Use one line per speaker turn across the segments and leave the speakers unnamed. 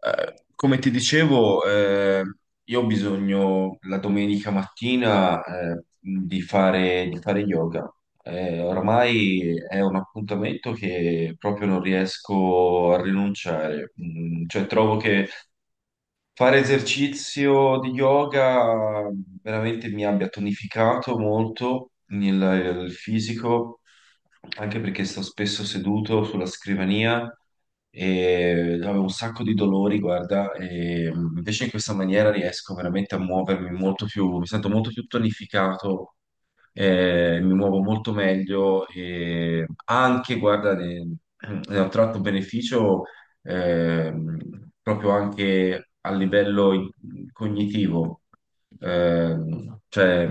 Come ti dicevo, io ho bisogno la domenica mattina, di fare yoga. Oramai è un appuntamento che proprio non riesco a rinunciare. Cioè, trovo che fare esercizio di yoga veramente mi abbia tonificato molto il fisico, anche perché sto spesso seduto sulla scrivania e avevo un sacco di dolori, guarda, e invece in questa maniera riesco veramente a muovermi molto più, mi sento molto più tonificato, mi muovo molto meglio e anche, guarda, ne ho tratto beneficio, ehm, proprio anche a livello cognitivo. Cioè,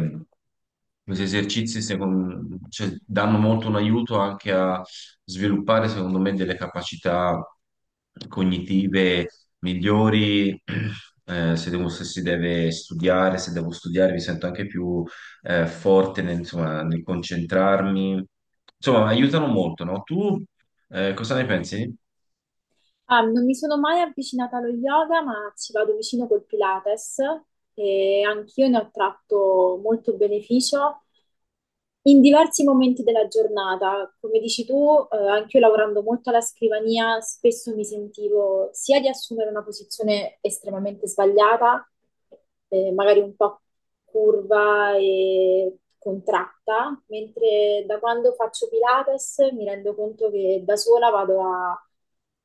questi esercizi cioè, danno molto un aiuto anche a sviluppare, secondo me, delle capacità cognitive migliori. Se si deve studiare, se devo studiare, mi sento anche più forte nel, insomma, nel concentrarmi. Insomma, aiutano molto, no? Tu, cosa ne pensi?
Ah, non mi sono mai avvicinata allo yoga, ma ci vado vicino col Pilates e anch'io ne ho tratto molto beneficio in diversi momenti della giornata, come dici tu, anche io lavorando molto alla scrivania, spesso mi sentivo sia di assumere una posizione estremamente sbagliata, magari un po' curva e contratta, mentre da quando faccio Pilates mi rendo conto che da sola vado a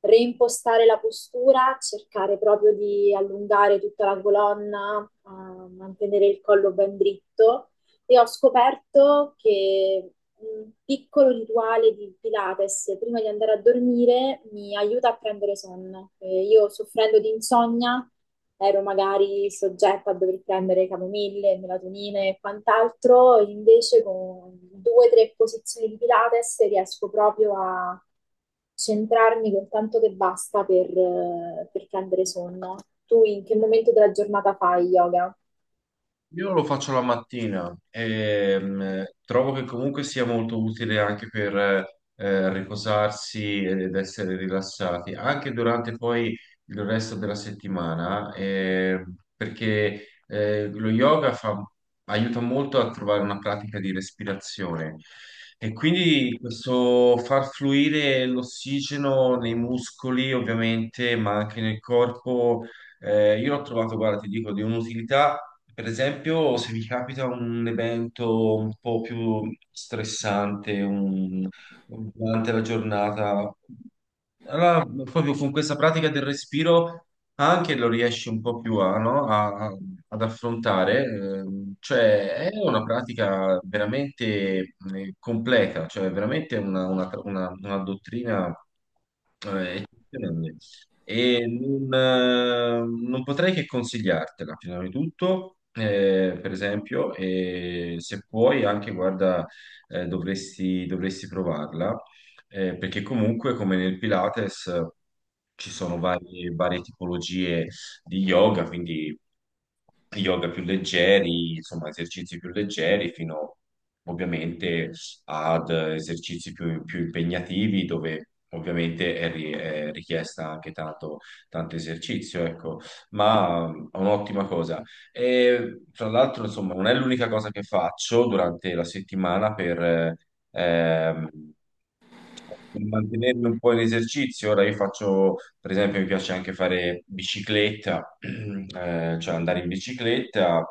reimpostare la postura, cercare proprio di allungare tutta la colonna, a mantenere il collo ben dritto e ho scoperto che un piccolo rituale di Pilates prima di andare a dormire mi aiuta a prendere sonno. Io soffrendo di insonnia ero magari soggetta a dover prendere camomille, melatonine e quant'altro, invece con due o tre posizioni di Pilates riesco proprio a centrarmi con tanto che basta per prendere sonno. Tu in che momento della giornata fai yoga?
Io lo faccio la mattina e trovo che comunque sia molto utile anche per riposarsi ed essere rilassati, anche durante poi il resto della settimana, perché lo yoga aiuta molto a trovare una pratica di respirazione, e quindi questo far fluire l'ossigeno nei muscoli ovviamente, ma anche nel corpo. Io l'ho trovato, guarda, ti dico, di un'utilità, per esempio, se mi capita un evento un po' più stressante durante la giornata, allora proprio con questa pratica del respiro anche lo riesci un po' più a, no? Ad affrontare. Cioè, è una pratica veramente completa, cioè veramente una dottrina eccezionale, e non potrei che consigliartela, prima di tutto. Per esempio, e se puoi anche, guarda, dovresti provarla, perché comunque, come nel Pilates, ci sono varie tipologie di yoga, quindi yoga più leggeri, insomma, esercizi più leggeri, fino ovviamente ad esercizi più impegnativi, dove ovviamente è richiesta anche tanto, tanto esercizio, ecco, ma è un'ottima cosa. E tra l'altro, insomma, non è l'unica cosa che faccio durante la settimana ehm, per mantenermi un po' in esercizio. Ora io faccio, per esempio, mi piace anche fare bicicletta, cioè andare in bicicletta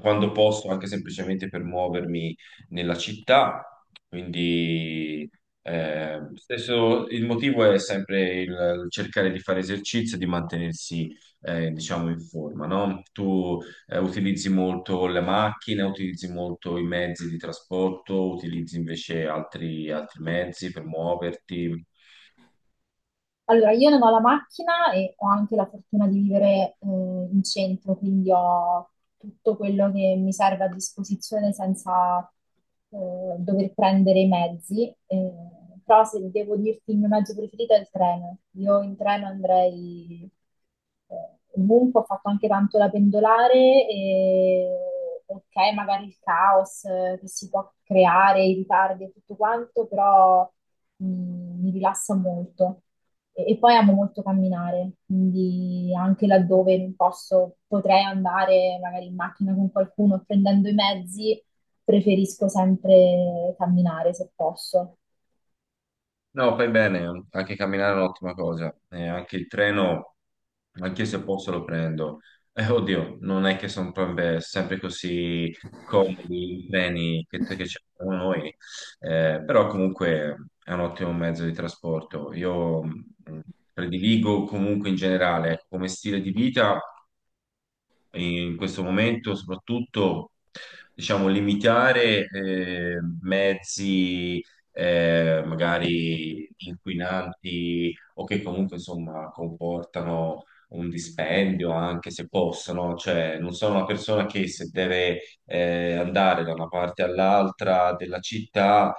quando posso, anche semplicemente per muovermi nella città, quindi stesso, il motivo è sempre il cercare di fare esercizio e di mantenersi, diciamo, in forma, no? Tu, utilizzi molto le macchine, utilizzi molto i mezzi di trasporto, utilizzi invece altri mezzi per muoverti?
Allora, io non ho la macchina e ho anche la fortuna di vivere in centro, quindi ho tutto quello che mi serve a disposizione senza dover prendere i mezzi. Però se devo dirti il mio mezzo preferito è il treno. Io in treno andrei ovunque, ho fatto anche tanto la pendolare e ok, magari il caos che si può creare, i ritardi e tutto quanto, però mi rilassa molto. E poi amo molto camminare, quindi anche laddove non posso, potrei andare magari in macchina con qualcuno o prendendo i mezzi, preferisco sempre camminare se posso.
No, fai bene, anche camminare è un'ottima cosa, e anche il treno, anche se posso lo prendo. Oddio, non è che sono sempre così comodi i treni che ci abbiamo noi, però comunque è un ottimo mezzo di trasporto. Io, prediligo comunque in generale, ecco, come stile di vita, in questo momento soprattutto, diciamo, limitare mezzi magari inquinanti o che comunque insomma comportano un dispendio, anche se possono. Cioè, non sono una persona che, se deve andare da una parte all'altra della città,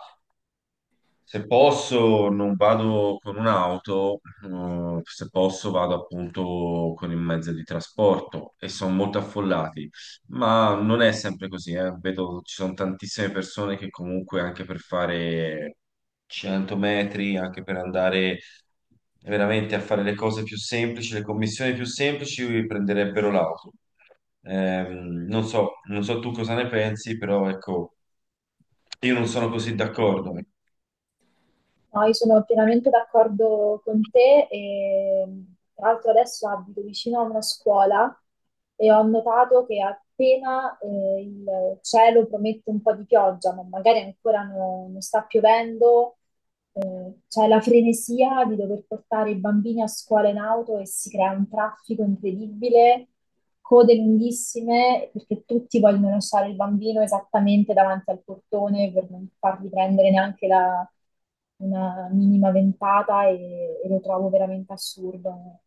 se posso, non vado con un'auto; se posso vado appunto con il mezzo di trasporto, e sono molto affollati, ma non è sempre così, eh. Vedo ci sono tantissime persone che comunque, anche per fare 100 metri, anche per andare veramente a fare le cose più semplici, le commissioni più semplici, prenderebbero l'auto. Non so, non so tu cosa ne pensi, però ecco, io non sono così d'accordo.
No, io sono pienamente d'accordo con te e tra l'altro adesso abito vicino a una scuola e ho notato che appena il cielo promette un po' di pioggia, ma magari ancora non sta piovendo, c'è la frenesia di dover portare i bambini a scuola in auto e si crea un traffico incredibile, code lunghissime, perché tutti vogliono lasciare il bambino esattamente davanti al portone per non fargli prendere neanche una minima ventata e lo trovo veramente assurdo.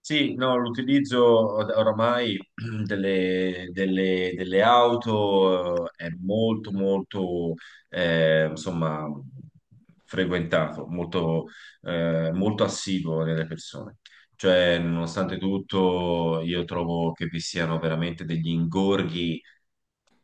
Sì, no, l'utilizzo oramai delle auto, è molto, molto, insomma, frequentato, molto assiduo nelle persone. Cioè, nonostante tutto, io trovo che vi siano veramente degli ingorghi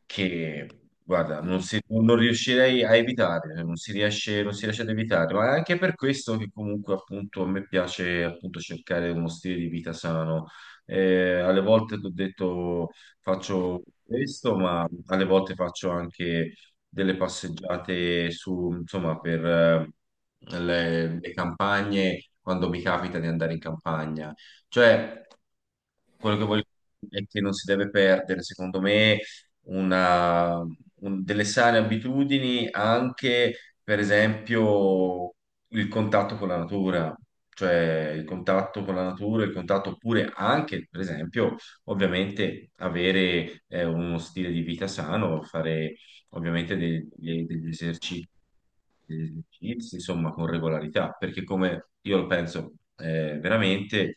che, guarda, non riuscirei a evitare, non si riesce, non si riesce ad evitare, ma è anche per questo che comunque appunto a me piace appunto cercare uno stile di vita sano. Alle volte ti ho detto faccio questo, ma alle volte faccio anche delle passeggiate su, insomma, per le campagne, quando mi capita di andare in campagna. Cioè, quello che voglio dire è che non si deve perdere, secondo me, una- delle sane abitudini, anche, per esempio, il contatto con la natura, cioè il contatto con la natura, il contatto, oppure anche, per esempio, ovviamente avere uno stile di vita sano, fare ovviamente degli esercizi, insomma, con regolarità, perché, come io lo penso, veramente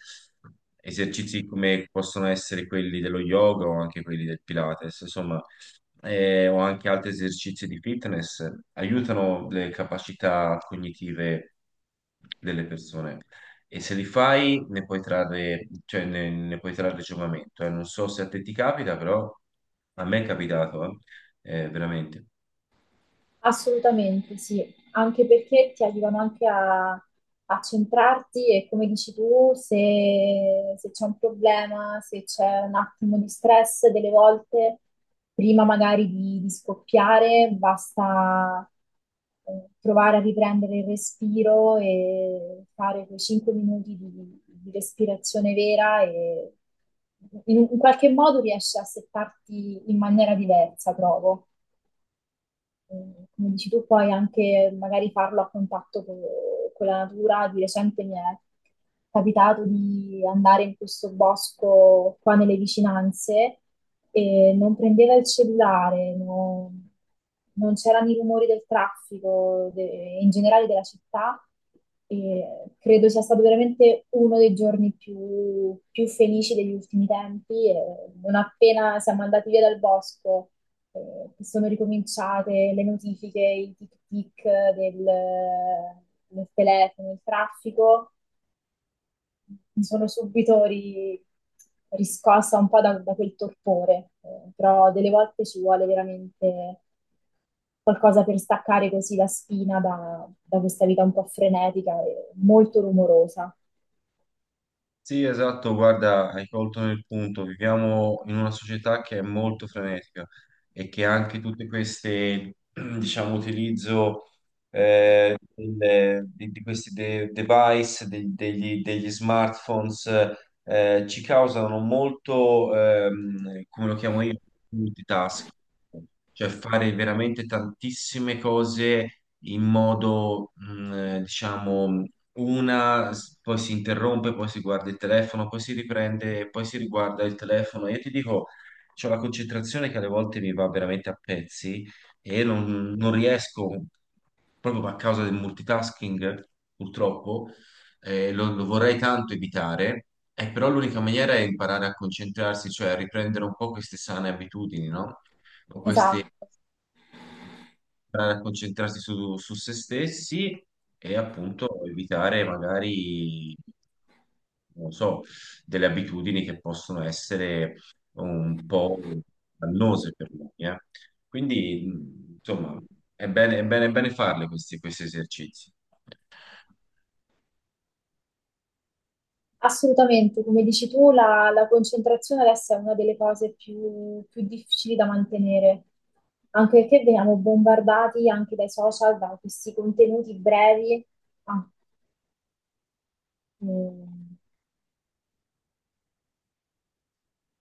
esercizi come possono essere quelli dello yoga o anche quelli del Pilates, insomma, o anche altri esercizi di fitness, aiutano le capacità cognitive delle persone. E se li fai, ne puoi trarre, cioè, ne puoi trarre giovamento. Non so se a te ti capita, però a me è capitato. Veramente.
Assolutamente sì, anche perché ti aiutano anche a centrarti e come dici tu, se c'è un problema, se c'è un attimo di stress, delle volte, prima magari di scoppiare, basta provare a riprendere il respiro e fare quei 5 minuti di respirazione vera e in qualche modo riesci a settarti in maniera diversa, trovo come dici tu, poi anche magari farlo a contatto con la natura. Di recente mi è capitato di andare in questo bosco qua nelle vicinanze e non prendeva il cellulare, non c'erano i rumori del traffico, in generale della città. E credo sia stato veramente uno dei giorni più, più felici degli ultimi tempi. E non appena siamo andati via dal bosco che sono ricominciate le notifiche, i tic-tic del, del telefono, il traffico, mi sono subito riscossa un po' da quel torpore, però delle volte ci vuole veramente qualcosa per staccare così la spina da questa vita un po' frenetica e molto rumorosa.
Sì, esatto, guarda, hai colto nel punto. Viviamo in una società che è molto frenetica, e che anche tutte queste, diciamo, utilizzo di questi device, degli smartphones, ci causano molto, come lo chiamo io, multitasking, cioè fare veramente tantissime cose in modo, diciamo, poi si interrompe, poi si guarda il telefono, poi si riprende, e poi si riguarda il telefono. Io ti dico, c'ho la concentrazione che alle volte mi va veramente a pezzi e non riesco, proprio a causa del multitasking, purtroppo, lo vorrei tanto evitare. Però l'unica maniera è imparare a concentrarsi, cioè a riprendere un po' queste sane abitudini, no?
Esatto.
Concentrarsi su se stessi, e appunto evitare magari, non so, delle abitudini che possono essere un po' dannose per noi, eh. Quindi, insomma, è bene, è bene, è bene farle, questi esercizi.
Assolutamente, come dici tu, la concentrazione adesso è una delle cose più, più difficili da mantenere, anche perché veniamo bombardati anche dai social, da questi contenuti brevi. Ah, mm.